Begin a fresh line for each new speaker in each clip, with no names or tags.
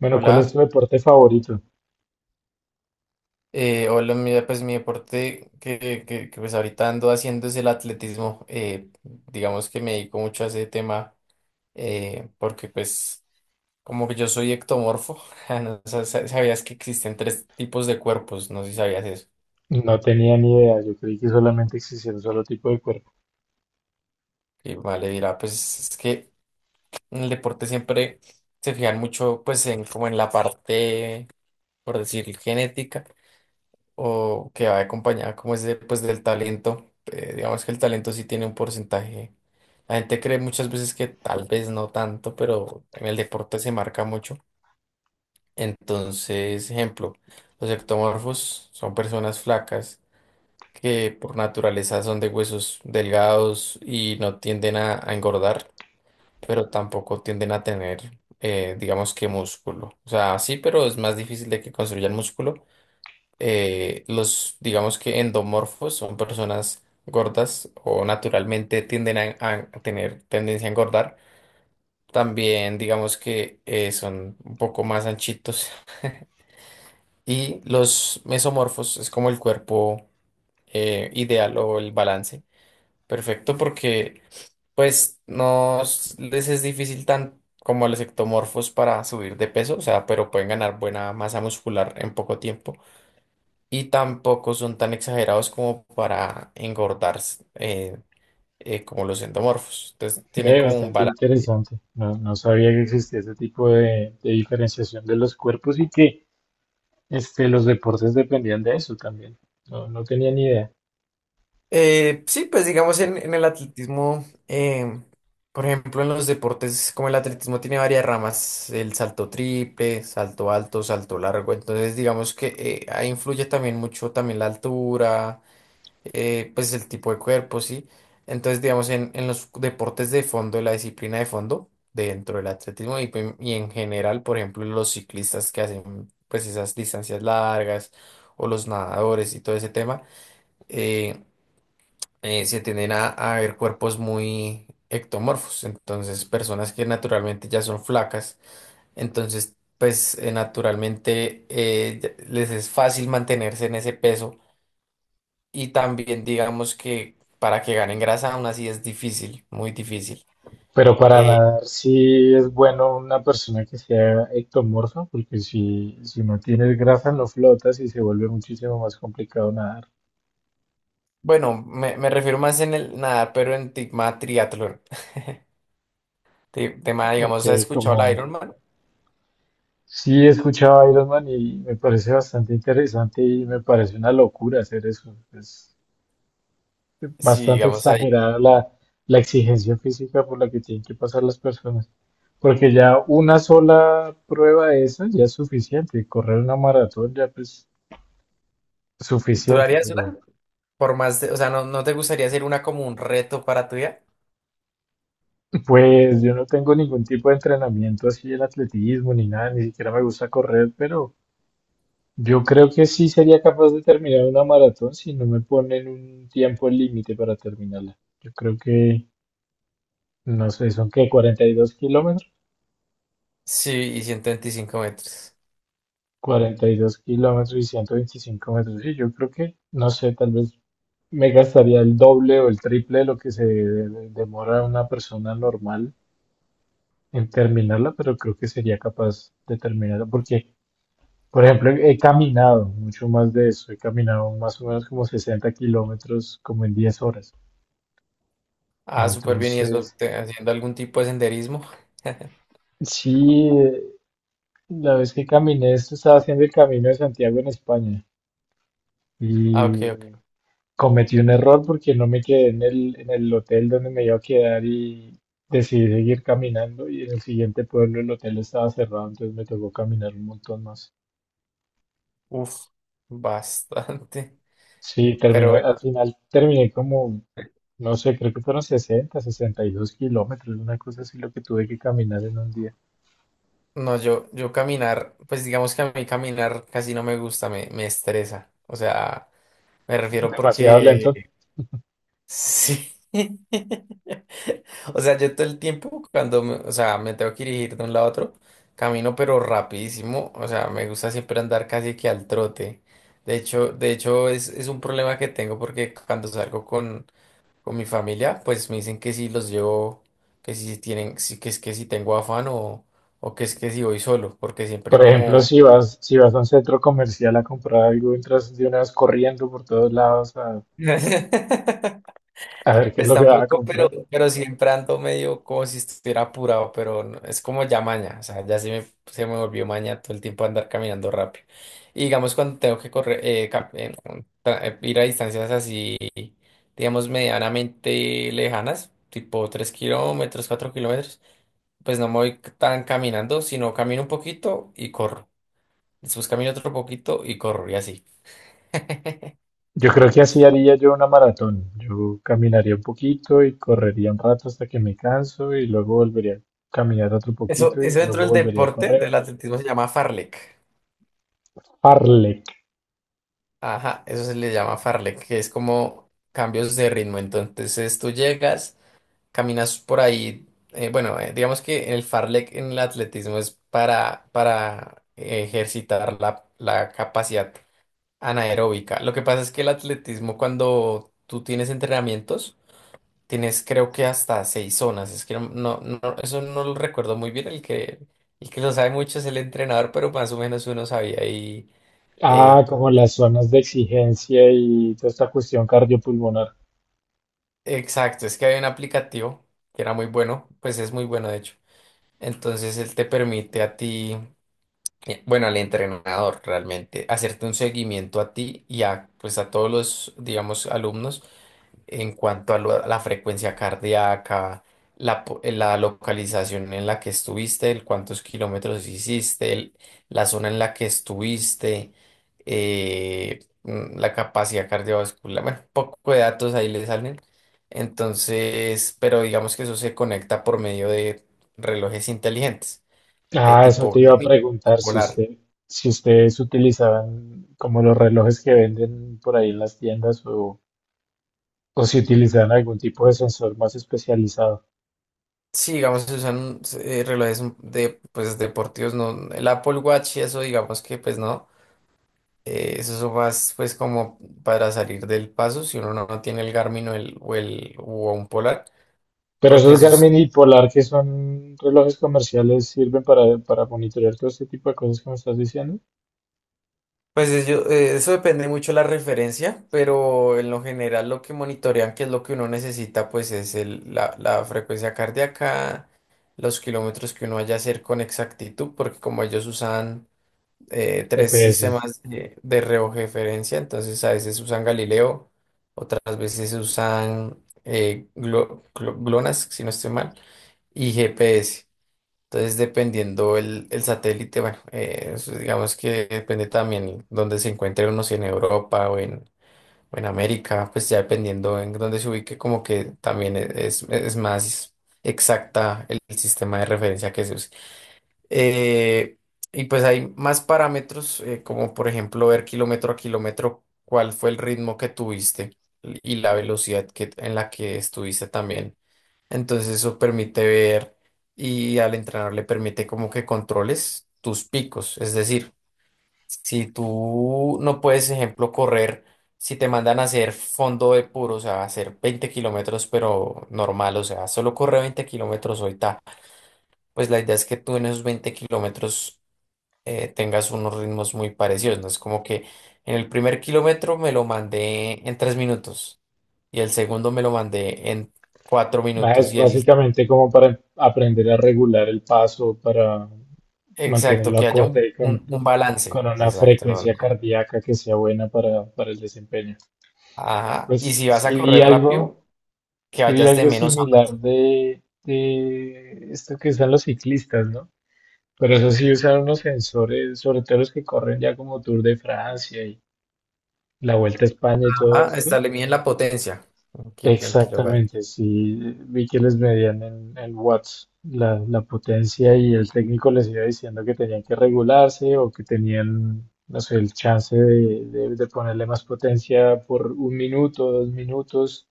Bueno, ¿cuál es tu
Hola,
deporte favorito?
hola, mira, pues mi deporte que pues ahorita ando haciendo es el atletismo. Digamos que me dedico mucho a ese tema porque pues como que yo soy ectomorfo. No sabías que existen tres tipos de cuerpos? No sé si sabías eso.
No tenía ni idea, yo creí que solamente existía un solo tipo de cuerpo.
Y vale, dirá, pues es que en el deporte siempre se fijan mucho pues en como en la parte, por decir, genética, o que va acompañada como es de, pues, del talento. Digamos que el talento sí tiene un porcentaje. La gente cree muchas veces que tal vez no tanto, pero en el deporte se marca mucho. Entonces, ejemplo, los ectomorfos son personas flacas que por naturaleza son de huesos delgados y no tienden a engordar, pero tampoco tienden a tener, digamos que músculo. O sea, sí, pero es más difícil de que construyan músculo. Los, digamos que endomorfos, son personas gordas o naturalmente tienden a tener tendencia a engordar. También digamos que son un poco más anchitos. Y los mesomorfos es como el cuerpo ideal o el balance perfecto, porque pues no s- les es difícil tan como a los ectomorfos para subir de peso, o sea, pero pueden ganar buena masa muscular en poco tiempo. Y tampoco son tan exagerados como para engordar eh, como los endomorfos. Entonces tienen
Ve,
como un
bastante
balance.
interesante. No, no sabía que existía ese tipo de diferenciación de los cuerpos y que los deportes dependían de eso también. No, no tenía ni idea.
Sí, pues digamos en el atletismo, por ejemplo, en los deportes como el atletismo tiene varias ramas: el salto triple, salto alto, salto largo. Entonces digamos que ahí influye también mucho también la altura, pues el tipo de cuerpo, ¿sí? Entonces, digamos, en los deportes de fondo, en la disciplina de fondo, dentro del atletismo y en general, por ejemplo, los ciclistas que hacen pues esas distancias largas o los nadadores y todo ese tema, eh, se tienden a ver cuerpos muy ectomorfos, entonces personas que naturalmente ya son flacas. Entonces pues naturalmente les es fácil mantenerse en ese peso, y también digamos que para que ganen grasa aún así es difícil, muy difícil.
Pero para
Eh,
nadar sí es bueno una persona que sea ectomorfa, porque si no tienes grasa no flotas y se vuelve muchísimo más complicado nadar.
bueno, me refiero más en el nadar, pero en tema triatlón. Tema,
Ok,
digamos, ¿has escuchado la
como
Ironman?
sí, he escuchado a Iron Man y me parece bastante interesante y me parece una locura hacer eso. Es
Sí,
bastante
digamos ahí.
exagerada la exigencia física por la que tienen que pasar las personas. Porque ya una sola prueba de esas ya es suficiente. Correr una maratón ya pues es
¿Tú
suficiente.
harías una?
Pero
O sea, ¿no, no te gustaría hacer una como un reto para tu vida?
pues yo no tengo ningún tipo de entrenamiento así en atletismo ni nada. Ni siquiera me gusta correr, pero... Yo creo que sí sería capaz de terminar una maratón si no me ponen un tiempo límite para terminarla. Yo creo que, no sé, son que 42 kilómetros,
Sí, y 125 metros.
42 kilómetros y 125 metros. Sí, yo creo que, no sé, tal vez me gastaría el doble o el triple de lo que se demora una persona normal en terminarla, pero creo que sería capaz de terminarla porque, por ejemplo, he caminado mucho más de eso. He caminado más o menos como 60 kilómetros como en 10 horas.
Ah, súper bien. ¿Y eso
Entonces,
haciendo algún tipo de senderismo?
sí, la vez que caminé, esto estaba haciendo el Camino de Santiago en España
Ah, ok,
y
ok.
cometí un error porque no me quedé en el hotel donde me iba a quedar y decidí seguir caminando y en el siguiente pueblo el hotel estaba cerrado, entonces me tocó caminar un montón más.
Uf, bastante.
Sí,
Pero
terminé, al
bueno.
final terminé como, no sé, creo que fueron sesenta y dos kilómetros, una cosa así lo que tuve que caminar en un día.
No, yo caminar, pues digamos que a mí caminar casi no me gusta, me estresa. O sea, me refiero
Demasiado
porque
lento.
sí. O sea, yo todo el tiempo cuando, o sea, me tengo que dirigir de un lado a otro, camino pero rapidísimo. O sea, me gusta siempre andar casi que al trote. De hecho es un problema que tengo, porque cuando salgo con, mi familia, pues me dicen que si los llevo, que si tienen, que es que si tengo afán, o que es que si voy solo, porque siempre
Por ejemplo,
como...
si vas a un centro comercial a comprar algo, entras de una vez corriendo por todos lados a ver qué es
Pues
lo que vas a
tampoco, pero,
comprar.
siempre ando medio como si estuviera apurado, es como ya maña. O sea, ya se me volvió maña todo el tiempo andar caminando rápido. Y digamos cuando tengo que correr, ir a distancias así, digamos, medianamente lejanas, tipo 3 kilómetros, 4 kilómetros, pues no me voy tan caminando, sino camino un poquito y corro. Después camino otro poquito y corro, y así.
Yo creo que así haría yo una maratón. Yo caminaría un poquito y correría un rato hasta que me canso y luego volvería a caminar otro
Eso,
poquito y
eso dentro
luego
del
volvería a
deporte,
correr.
del atletismo, se llama farlek.
Parlek.
Ajá, eso se le llama fartlek, que es como cambios de ritmo. Entonces tú llegas, caminas por ahí. Bueno, digamos que el fartlek en el atletismo es para, ejercitar la capacidad anaeróbica. Lo que pasa es que el atletismo, cuando tú tienes entrenamientos, tienes creo que hasta seis zonas. Es que eso no lo recuerdo muy bien. El que lo sabe mucho es el entrenador, pero más o menos uno sabía ahí.
Ah,
eh,
como las zonas de exigencia y toda esta cuestión cardiopulmonar.
Exacto, es que hay un aplicativo que era muy bueno, pues es muy bueno de hecho. Entonces él te permite a ti, bueno, al entrenador realmente, hacerte un seguimiento a ti y a, pues a todos los, digamos, alumnos en cuanto a, la frecuencia cardíaca, la localización en la que estuviste, el cuántos kilómetros hiciste, la zona en la que estuviste, la capacidad cardiovascular. Bueno, poco de datos ahí le salen. Entonces, pero digamos que eso se conecta por medio de relojes inteligentes,
Ah, eso
tipo
te iba a
Garmin o
preguntar si
Polar.
usted, si ustedes utilizaban como los relojes que venden por ahí en las tiendas o si utilizarán algún tipo de sensor más especializado.
Sí, digamos, se usan relojes de, pues, deportivos, no, el Apple Watch y eso, digamos que pues no. Eso son más pues como para salir del paso si uno no, no tiene el Garmin o un Polar,
Pero
porque
esos Garmin y Polar, que son relojes comerciales, sirven para monitorear todo este tipo de cosas que me estás diciendo.
pues eso depende mucho de la referencia, pero en lo general lo que monitorean, que es lo que uno necesita, pues es la frecuencia cardíaca, los kilómetros que uno vaya a hacer con exactitud, porque como ellos usan tres
GPS.
sistemas de referencia. Entonces a veces usan Galileo, otras veces usan GLONASS, si no estoy mal, y GPS. Entonces, dependiendo el satélite, bueno, eso digamos que depende también dónde se encuentre uno, si en Europa o en, América. Pues ya dependiendo en dónde se ubique, como que también es más exacta el sistema de referencia que se usa. Eh, y pues hay más parámetros, como por ejemplo ver kilómetro a kilómetro cuál fue el ritmo que tuviste y la velocidad en la que estuviste también. Entonces eso permite ver, y al entrenador le permite como que controles tus picos. Es decir, si tú no puedes, ejemplo, correr, si te mandan a hacer fondo de puro, o sea, hacer 20 kilómetros, pero normal, o sea, solo corre 20 kilómetros hoy, ta. Pues la idea es que tú, en esos 20 kilómetros, tengas unos ritmos muy parecidos, ¿no? Es como que en el primer kilómetro me lo mandé en 3 minutos, y el segundo me lo mandé en cuatro
Ah,
minutos
es
y el...
básicamente como para aprender a regular el paso, para
exacto,
mantenerlo
que haya un,
acorde
un- un balance.
con una
Exacto, no,
frecuencia
no.
cardíaca que sea buena para el desempeño.
Ajá, y
Pues
si vas a
sí vi
correr
algo,
rápido, que
sí vi
vayas de
algo
menos a
similar de esto que usan los ciclistas, ¿no? Pero eso sí usaron unos sensores, sobre todo los que corren ya como Tour de Francia y la Vuelta a España y
más.
todo
Ajá,
esto.
esta le miden la potencia en kilovatios.
Exactamente, sí, vi que les medían en watts la, la potencia y el técnico les iba diciendo que tenían que regularse o que tenían, no sé, el chance de, de ponerle más potencia por 1 minuto, 2 minutos.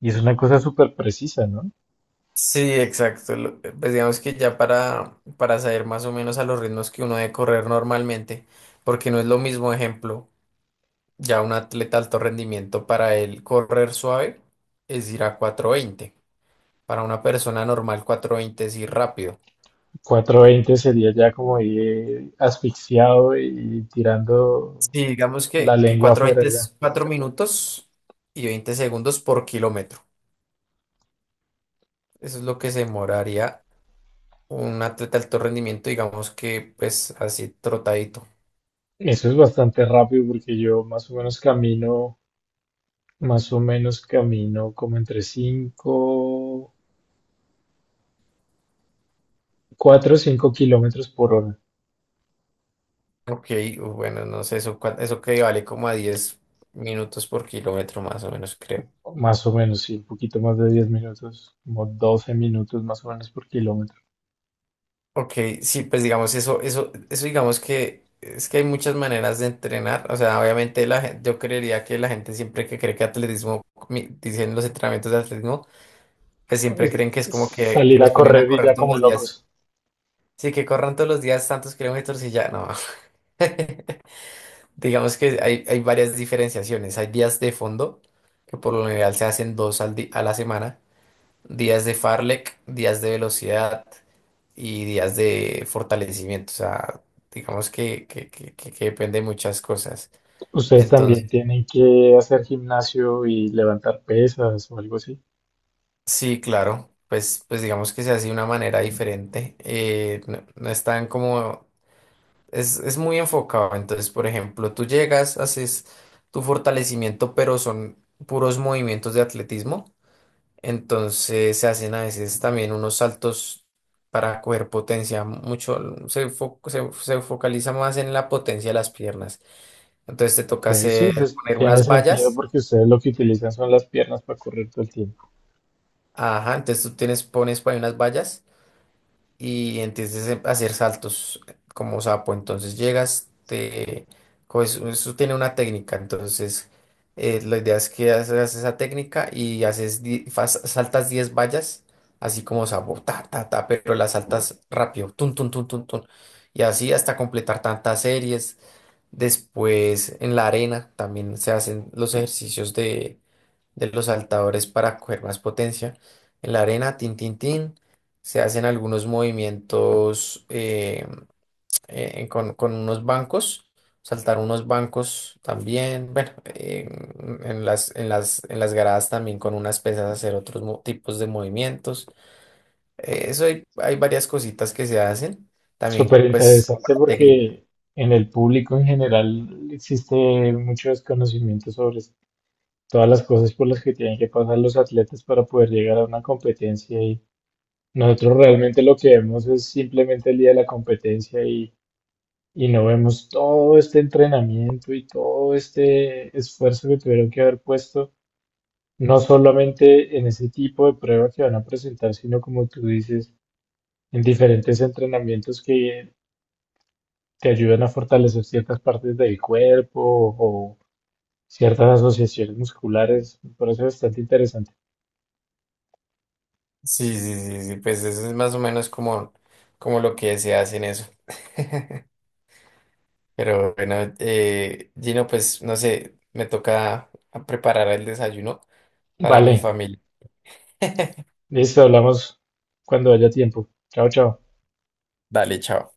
Y es una cosa súper precisa, ¿no?
Sí, exacto. Pues digamos que ya para, saber más o menos a los ritmos que uno debe correr normalmente, porque no es lo mismo, ejemplo. Ya un atleta de alto rendimiento, para él correr suave es ir a cuatro veinte. Para una persona normal, 420 es ir rápido.
420 sería ya como ir asfixiado y tirando
Sí, digamos
la
que
lengua
cuatro
afuera.
veinte es 4 minutos y 20 segundos por kilómetro. Eso es lo que se demoraría un atleta de alto rendimiento, digamos que pues así trotadito.
Eso es bastante rápido porque yo más o menos camino como entre 5, 4 o 5 kilómetros por hora,
Ok, bueno, no sé, eso, eso que vale como a 10 minutos por kilómetro más o menos, creo.
más o menos, sí, un poquito más de 10 minutos, como 12 minutos más o menos por kilómetro.
Ok, sí, pues digamos eso, eso, eso digamos que es que hay muchas maneras de entrenar. O sea, obviamente la gente, yo creería que la gente siempre que cree que atletismo, dicen los entrenamientos de atletismo, que siempre
Es-
creen que es como que
Salir
los
a
ponen a
correr y
correr
ya
todos
como
los días.
locos.
Sí, que corran todos los días tantos kilómetros y ya, no. Digamos que hay varias diferenciaciones. Hay días de fondo, que por lo general se hacen dos a la semana, días de Farlek, días de velocidad y días de fortalecimiento. O sea, digamos que depende de muchas cosas.
Ustedes también
Entonces,
tienen que hacer gimnasio y levantar pesas o algo así.
sí, claro, pues, digamos que se hace de una manera diferente. No, no es tan como... Es muy enfocado. Entonces, por ejemplo, tú llegas, haces tu fortalecimiento, pero son puros movimientos de atletismo. Entonces se hacen a veces también unos saltos para coger potencia. Mucho se focaliza más en la potencia de las piernas. Entonces te
Ok,
toca
sí,
hacer,
pues,
poner
tiene
unas
sentido
vallas.
porque ustedes lo que utilizan son las piernas para correr todo el tiempo.
Ajá, entonces tú tienes, pones por ahí unas vallas y entonces a hacer saltos como sapo. Entonces llegas, eso tiene una técnica. Entonces, la idea es que haces esa técnica y saltas 10 vallas, así como sapo, ta, ta, ta, pero las saltas rápido, tun, tun, tun, tun, tun. Y así hasta completar tantas series. Después en la arena también se hacen los ejercicios de los saltadores para coger más potencia. En la arena, tin, tin, tin, se hacen algunos movimientos con, unos bancos, saltar unos bancos también. Bueno, en las, en las gradas también, con unas pesas, hacer otros tipos de movimientos. Eso hay, varias cositas que se hacen, también
Súper
pues como
interesante
la técnica.
porque en el público en general existe mucho desconocimiento sobre todas las cosas por las que tienen que pasar los atletas para poder llegar a una competencia y nosotros realmente lo que vemos es simplemente el día de la competencia y no vemos todo este entrenamiento y todo este esfuerzo que tuvieron que haber puesto, no solamente en ese tipo de prueba que van a presentar, sino como tú dices, en diferentes entrenamientos que te ayudan a fortalecer ciertas partes del cuerpo o ciertas asociaciones musculares. Por eso es bastante interesante.
Sí, sí, sí, sí, pues eso es más o menos como, lo que se hace en eso. Pero bueno, Gino, pues no sé, me toca a preparar el desayuno para
Vale,
mi familia.
listo, hablamos cuando haya tiempo. Chao, chao.
Dale, chao.